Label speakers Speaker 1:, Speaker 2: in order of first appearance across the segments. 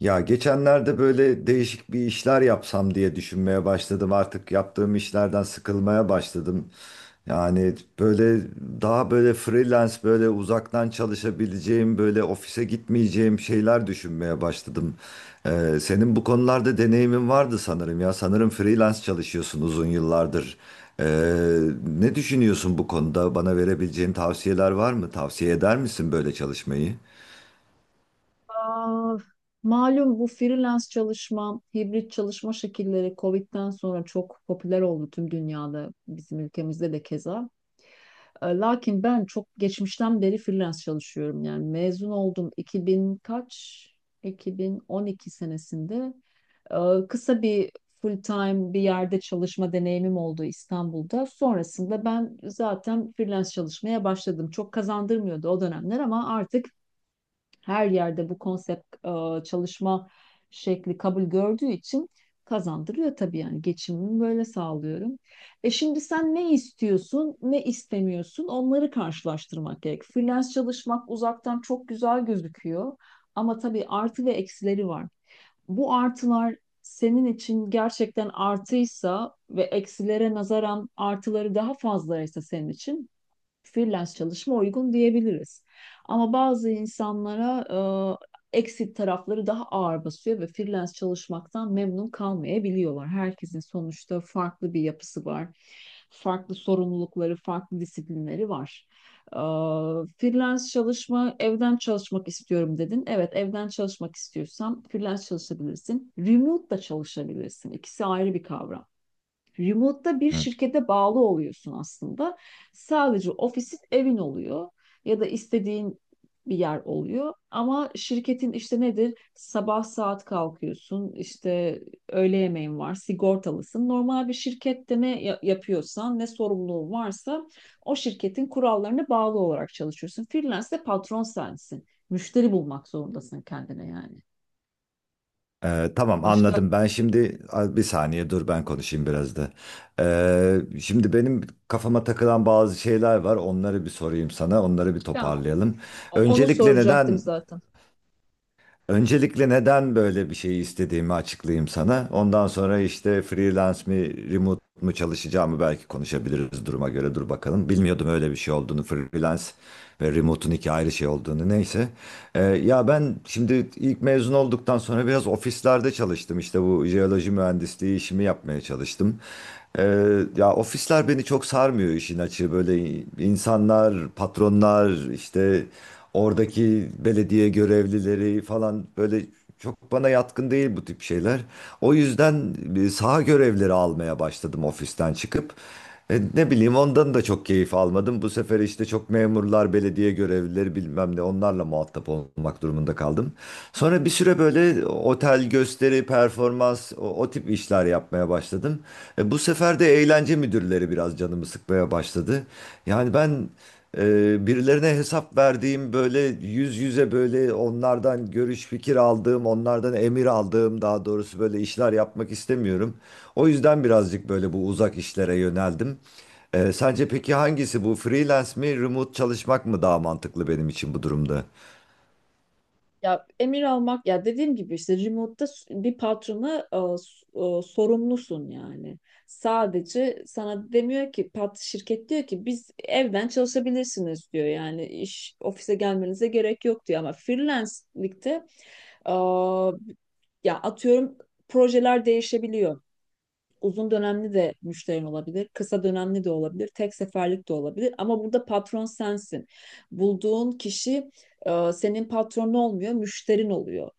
Speaker 1: Ya geçenlerde böyle değişik bir işler yapsam diye düşünmeye başladım. Artık yaptığım işlerden sıkılmaya başladım. Yani böyle daha böyle freelance böyle uzaktan çalışabileceğim böyle ofise gitmeyeceğim şeyler düşünmeye başladım. Senin bu konularda deneyimin vardı sanırım ya. Sanırım freelance çalışıyorsun uzun yıllardır. Ee, Ne düşünüyorsun bu konuda? Bana verebileceğin tavsiyeler var mı? Tavsiye eder misin böyle çalışmayı?
Speaker 2: Aa, Malum bu freelance çalışma, hibrit çalışma şekilleri Covid'den sonra çok popüler oldu tüm dünyada, bizim ülkemizde de keza. Lakin ben çok geçmişten beri freelance çalışıyorum. Yani mezun oldum 2000 kaç? 2012 senesinde. E, Kısa bir full time bir yerde çalışma deneyimim oldu İstanbul'da. Sonrasında ben zaten freelance çalışmaya başladım. Çok kazandırmıyordu o dönemler ama artık her yerde bu konsept çalışma şekli kabul gördüğü için kazandırıyor tabii yani geçimimi böyle sağlıyorum. E şimdi sen ne istiyorsun, ne istemiyorsun onları karşılaştırmak gerek. Freelance çalışmak uzaktan çok güzel gözüküyor ama tabii artı ve eksileri var. Bu artılar senin için gerçekten artıysa ve eksilere nazaran artıları daha fazlaysa senin için freelance çalışma uygun diyebiliriz. Ama bazı insanlara eksik tarafları daha ağır basıyor ve freelance çalışmaktan memnun kalmayabiliyorlar. Herkesin sonuçta farklı bir yapısı var. Farklı sorumlulukları, farklı disiplinleri var. E, freelance çalışma, evden çalışmak istiyorum dedin. Evet, evden çalışmak istiyorsan freelance çalışabilirsin. Remote da çalışabilirsin. İkisi ayrı bir kavram. Remote'da bir şirkete bağlı oluyorsun aslında. Sadece ofisin evin oluyor ya da istediğin bir yer oluyor. Ama şirketin işte nedir? Sabah saat kalkıyorsun, işte öğle yemeğin var, sigortalısın. Normal bir şirkette yapıyorsan, ne sorumluluğun varsa o şirketin kurallarına bağlı olarak çalışıyorsun. Freelance'de patron sensin. Müşteri bulmak zorundasın kendine yani.
Speaker 1: Tamam,
Speaker 2: Başka,
Speaker 1: anladım. Ben şimdi bir saniye dur, ben konuşayım biraz da. Şimdi benim kafama takılan bazı şeyler var. Onları bir sorayım sana. Onları bir
Speaker 2: ya
Speaker 1: toparlayalım.
Speaker 2: onu
Speaker 1: Öncelikle
Speaker 2: soracaktım
Speaker 1: neden
Speaker 2: zaten.
Speaker 1: Öncelikle neden böyle bir şeyi istediğimi açıklayayım sana. Ondan sonra işte freelance mi, remote mu çalışacağımı belki konuşabiliriz duruma göre. Dur bakalım, bilmiyordum öyle bir şey olduğunu. Freelance ve remote'un iki ayrı şey olduğunu. Neyse. Ya ben şimdi ilk mezun olduktan sonra biraz ofislerde çalıştım. İşte bu jeoloji mühendisliği işimi yapmaya çalıştım. Ee, Ya ofisler beni çok sarmıyor, işin açığı. Böyle insanlar, patronlar, işte oradaki belediye görevlileri falan, böyle çok bana yatkın değil bu tip şeyler. O yüzden saha görevleri almaya başladım ofisten çıkıp. Ne bileyim, ondan da çok keyif almadım. Bu sefer işte çok memurlar, belediye görevlileri, bilmem ne, onlarla muhatap olmak durumunda kaldım. Sonra bir süre böyle otel gösteri, performans, o tip işler yapmaya başladım. Bu sefer de eğlence müdürleri biraz canımı sıkmaya başladı. Yani ben birilerine hesap verdiğim, böyle yüz yüze böyle onlardan görüş fikir aldığım, onlardan emir aldığım daha doğrusu, böyle işler yapmak istemiyorum. O yüzden birazcık böyle bu uzak işlere yöneldim. Sence peki hangisi bu, freelance mi, remote çalışmak mı daha mantıklı benim için bu durumda?
Speaker 2: Ya emir almak ya dediğim gibi işte remote'da bir patrona sorumlusun yani. Sadece sana demiyor ki pat şirket diyor ki biz evden çalışabilirsiniz diyor. Yani iş ofise gelmenize gerek yok diyor ama freelance'likte e, ya atıyorum projeler değişebiliyor. Uzun dönemli de müşterin olabilir, kısa dönemli de olabilir, tek seferlik de olabilir. Ama burada patron sensin. Bulduğun kişi senin patronun olmuyor, müşterin oluyor.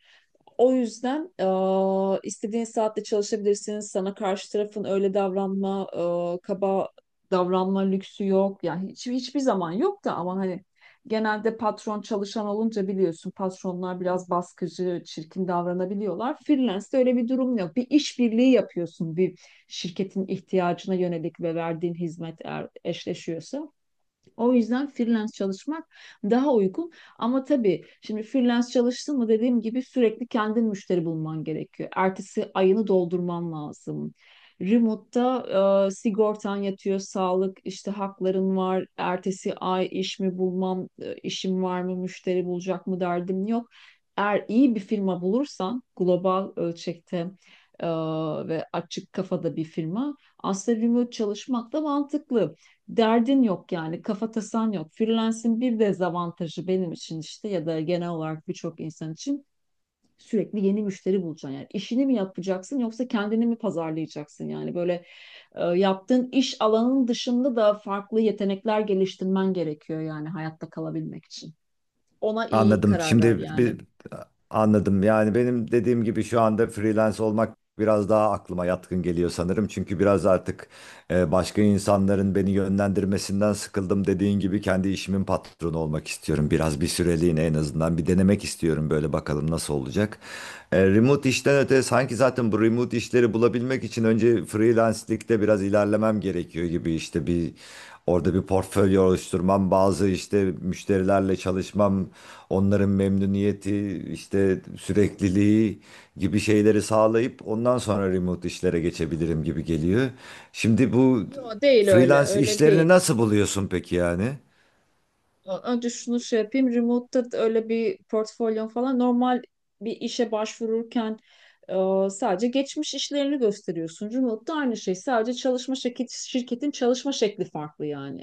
Speaker 2: O yüzden istediğin saatte çalışabilirsiniz. Sana karşı tarafın öyle davranma, kaba davranma lüksü yok. Yani hiçbir zaman yok da ama hani genelde patron çalışan olunca biliyorsun patronlar biraz baskıcı, çirkin davranabiliyorlar. Freelance'de öyle bir durum yok. Bir işbirliği yapıyorsun bir şirketin ihtiyacına yönelik ve verdiğin hizmet eğer eşleşiyorsa. O yüzden freelance çalışmak daha uygun. Ama tabii şimdi freelance çalıştın mı dediğim gibi sürekli kendin müşteri bulman gerekiyor. Ertesi ayını doldurman lazım. Remote'da sigortan yatıyor, sağlık işte hakların var. Ertesi ay iş mi bulmam, işim var mı, müşteri bulacak mı derdim yok. Eğer iyi bir firma bulursan global ölçekte e, ve açık kafada bir firma aslında remote çalışmak da mantıklı derdin yok yani kafa tasan yok. Freelance'in bir dezavantajı benim için işte ya da genel olarak birçok insan için sürekli yeni müşteri bulacaksın. Yani işini mi yapacaksın yoksa kendini mi pazarlayacaksın? Yani böyle yaptığın iş alanının dışında da farklı yetenekler geliştirmen gerekiyor yani hayatta kalabilmek için ona iyi
Speaker 1: Anladım.
Speaker 2: karar verdi
Speaker 1: Şimdi
Speaker 2: yani.
Speaker 1: bir Anladım. Yani benim dediğim gibi şu anda freelance olmak biraz daha aklıma yatkın geliyor sanırım. Çünkü biraz artık başka insanların beni yönlendirmesinden sıkıldım. Dediğin gibi kendi işimin patronu olmak istiyorum. Biraz bir süreliğine, en azından, bir denemek istiyorum böyle, bakalım nasıl olacak. Remote işten öte, sanki zaten bu remote işleri bulabilmek için önce freelance'likte biraz ilerlemem gerekiyor gibi, işte. Orada bir portfolyo oluşturmam, bazı işte müşterilerle çalışmam, onların memnuniyeti, işte sürekliliği gibi şeyleri sağlayıp ondan sonra remote işlere geçebilirim gibi geliyor. Şimdi bu
Speaker 2: Yo değil öyle.
Speaker 1: freelance
Speaker 2: Öyle
Speaker 1: işlerini
Speaker 2: değil.
Speaker 1: nasıl buluyorsun peki yani?
Speaker 2: Önce şunu şey yapayım. Remote'da da öyle bir portfolyon falan normal bir işe başvururken sadece geçmiş işlerini gösteriyorsun. Remote'da aynı şey. Şirketin çalışma şekli farklı yani.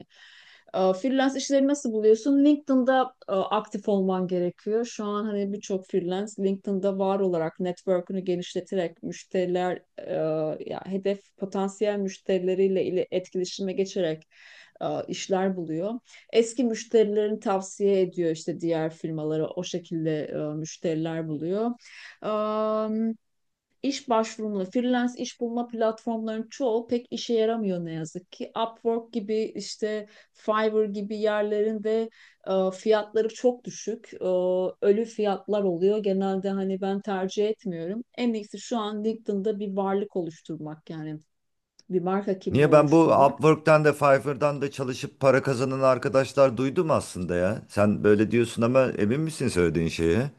Speaker 2: Freelance işleri nasıl buluyorsun? LinkedIn'da aktif olman gerekiyor. Şu an hani birçok freelance LinkedIn'da var olarak network'ünü genişleterek ya hedef potansiyel müşterileriyle ile etkileşime geçerek işler buluyor eski müşterilerini tavsiye ediyor işte diğer firmalara o şekilde müşteriler buluyor. Am, iş başvurumla freelance iş bulma platformlarının çoğu pek işe yaramıyor ne yazık ki. Upwork gibi işte Fiverr gibi yerlerin de fiyatları çok düşük. Ölü fiyatlar oluyor. Genelde hani ben tercih etmiyorum. En iyisi şu an LinkedIn'da bir varlık oluşturmak yani bir marka kimliği
Speaker 1: Niye, ben bu
Speaker 2: oluşturmak.
Speaker 1: Upwork'tan da Fiverr'dan da çalışıp para kazanan arkadaşlar duydum aslında ya. Sen böyle diyorsun ama emin misin söylediğin şeye?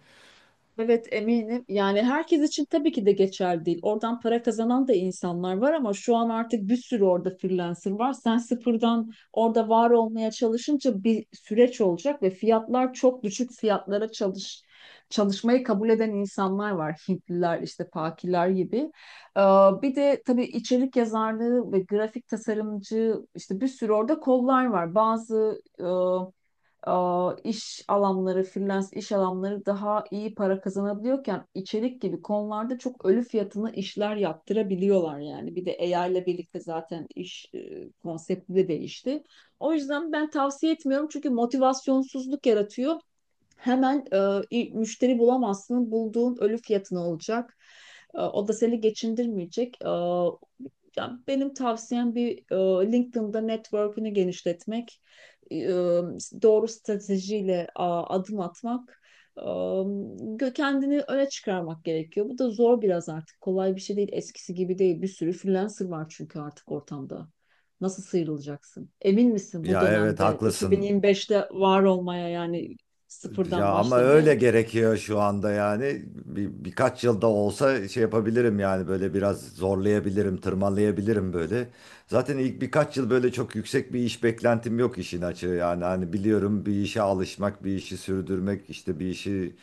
Speaker 2: Evet eminim. Yani herkes için tabii ki de geçerli değil. Oradan para kazanan da insanlar var ama şu an artık bir sürü orada freelancer var. Sen sıfırdan orada var olmaya çalışınca bir süreç olacak ve fiyatlar çok düşük fiyatlara çalışmayı kabul eden insanlar var. Hintliler işte Pakiler gibi. Ee, bir de tabii içerik yazarlığı ve grafik tasarımcı işte bir sürü orada kollar var. Bazı e, freelance iş alanları daha iyi para kazanabiliyorken içerik gibi konularda çok ölü fiyatına işler yaptırabiliyorlar yani. Bir de AI ile birlikte zaten konsepti de değişti. O yüzden ben tavsiye etmiyorum çünkü motivasyonsuzluk yaratıyor. Hemen e, müşteri bulamazsın, bulduğun ölü fiyatına olacak. O da seni geçindirmeyecek. Ya benim tavsiyem LinkedIn'da network'ünü genişletmek, e, doğru stratejiyle adım atmak, kendini öne çıkarmak gerekiyor. Bu da zor biraz artık. Kolay bir şey değil. Eskisi gibi değil. Bir sürü freelancer var çünkü artık ortamda. Nasıl sıyrılacaksın? Emin misin bu
Speaker 1: Ya evet,
Speaker 2: dönemde
Speaker 1: haklısın.
Speaker 2: 2025'te var olmaya yani
Speaker 1: Ya
Speaker 2: sıfırdan
Speaker 1: ama öyle
Speaker 2: başlamaya?
Speaker 1: gerekiyor şu anda yani. Birkaç yılda olsa şey yapabilirim yani, böyle biraz zorlayabilirim, tırmalayabilirim böyle. Zaten ilk birkaç yıl böyle çok yüksek bir iş beklentim yok, işin açığı yani. Hani biliyorum, bir işe alışmak, bir işi sürdürmek, işte bir işi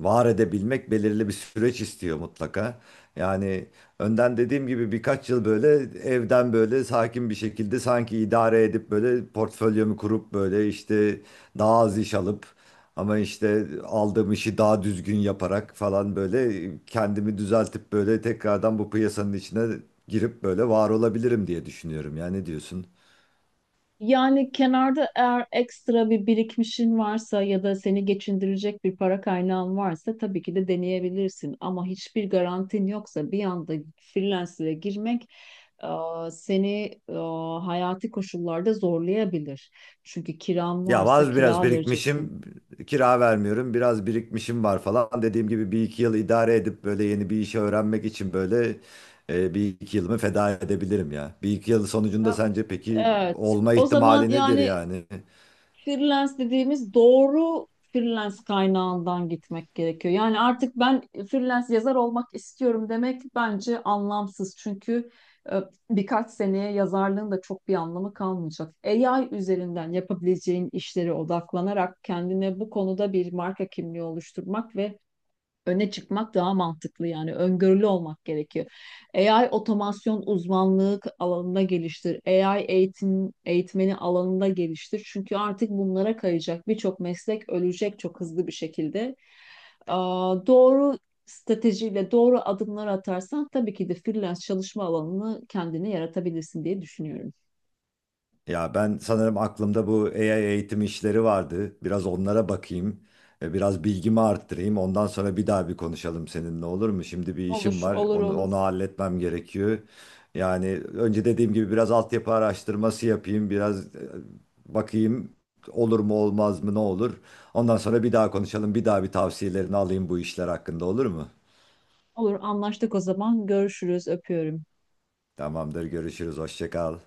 Speaker 1: var edebilmek belirli bir süreç istiyor mutlaka. Yani önden dediğim gibi birkaç yıl böyle evden böyle sakin bir şekilde sanki idare edip, böyle portfolyomu kurup, böyle işte daha az iş alıp ama işte aldığım işi daha düzgün yaparak falan, böyle kendimi düzeltip böyle tekrardan bu piyasanın içine girip böyle var olabilirim diye düşünüyorum. Ya ne diyorsun?
Speaker 2: Yani kenarda eğer ekstra bir birikmişin varsa ya da seni geçindirecek bir para kaynağın varsa tabii ki de deneyebilirsin. Ama hiçbir garantin yoksa bir anda freelancer'e girmek e, seni hayati koşullarda zorlayabilir. Çünkü kiran
Speaker 1: Ya
Speaker 2: varsa
Speaker 1: var, biraz
Speaker 2: kira vereceksin.
Speaker 1: birikmişim, kira vermiyorum, biraz birikmişim var falan. Dediğim gibi bir iki yıl idare edip böyle yeni bir işi öğrenmek için böyle bir iki yılımı feda edebilirim ya. Bir iki yıl sonucunda
Speaker 2: Ya,
Speaker 1: sence peki
Speaker 2: Evet.
Speaker 1: olma
Speaker 2: O zaman
Speaker 1: ihtimali nedir
Speaker 2: yani
Speaker 1: yani?
Speaker 2: freelance dediğimiz doğru freelance kaynağından gitmek gerekiyor. Yani artık ben freelance yazar olmak istiyorum demek bence anlamsız. Çünkü e, birkaç seneye yazarlığın da çok bir anlamı kalmayacak. AI üzerinden yapabileceğin işlere odaklanarak kendine bu konuda bir marka kimliği oluşturmak ve öne çıkmak daha mantıklı yani öngörülü olmak gerekiyor. AI otomasyon uzmanlık alanında geliştir. AI eğitim eğitmeni alanında geliştir. Çünkü artık bunlara kayacak birçok meslek ölecek çok hızlı bir şekilde. Doğru stratejiyle doğru adımlar atarsan tabii ki de freelance çalışma alanını kendine yaratabilirsin diye düşünüyorum.
Speaker 1: Ya ben sanırım aklımda bu AI eğitim işleri vardı. Biraz onlara bakayım. Biraz bilgimi arttırayım. Ondan sonra bir daha bir konuşalım seninle, olur mu? Şimdi bir işim
Speaker 2: Olur,
Speaker 1: var.
Speaker 2: olur,
Speaker 1: Onu,
Speaker 2: olur.
Speaker 1: onu halletmem gerekiyor. Yani önce dediğim gibi biraz altyapı araştırması yapayım. Biraz bakayım olur mu olmaz mı, ne olur. Ondan sonra bir daha konuşalım. Bir daha bir tavsiyelerini alayım bu işler hakkında, olur mu?
Speaker 2: Olur, anlaştık o zaman. Görüşürüz, öpüyorum.
Speaker 1: Tamamdır, görüşürüz. Hoşça kal.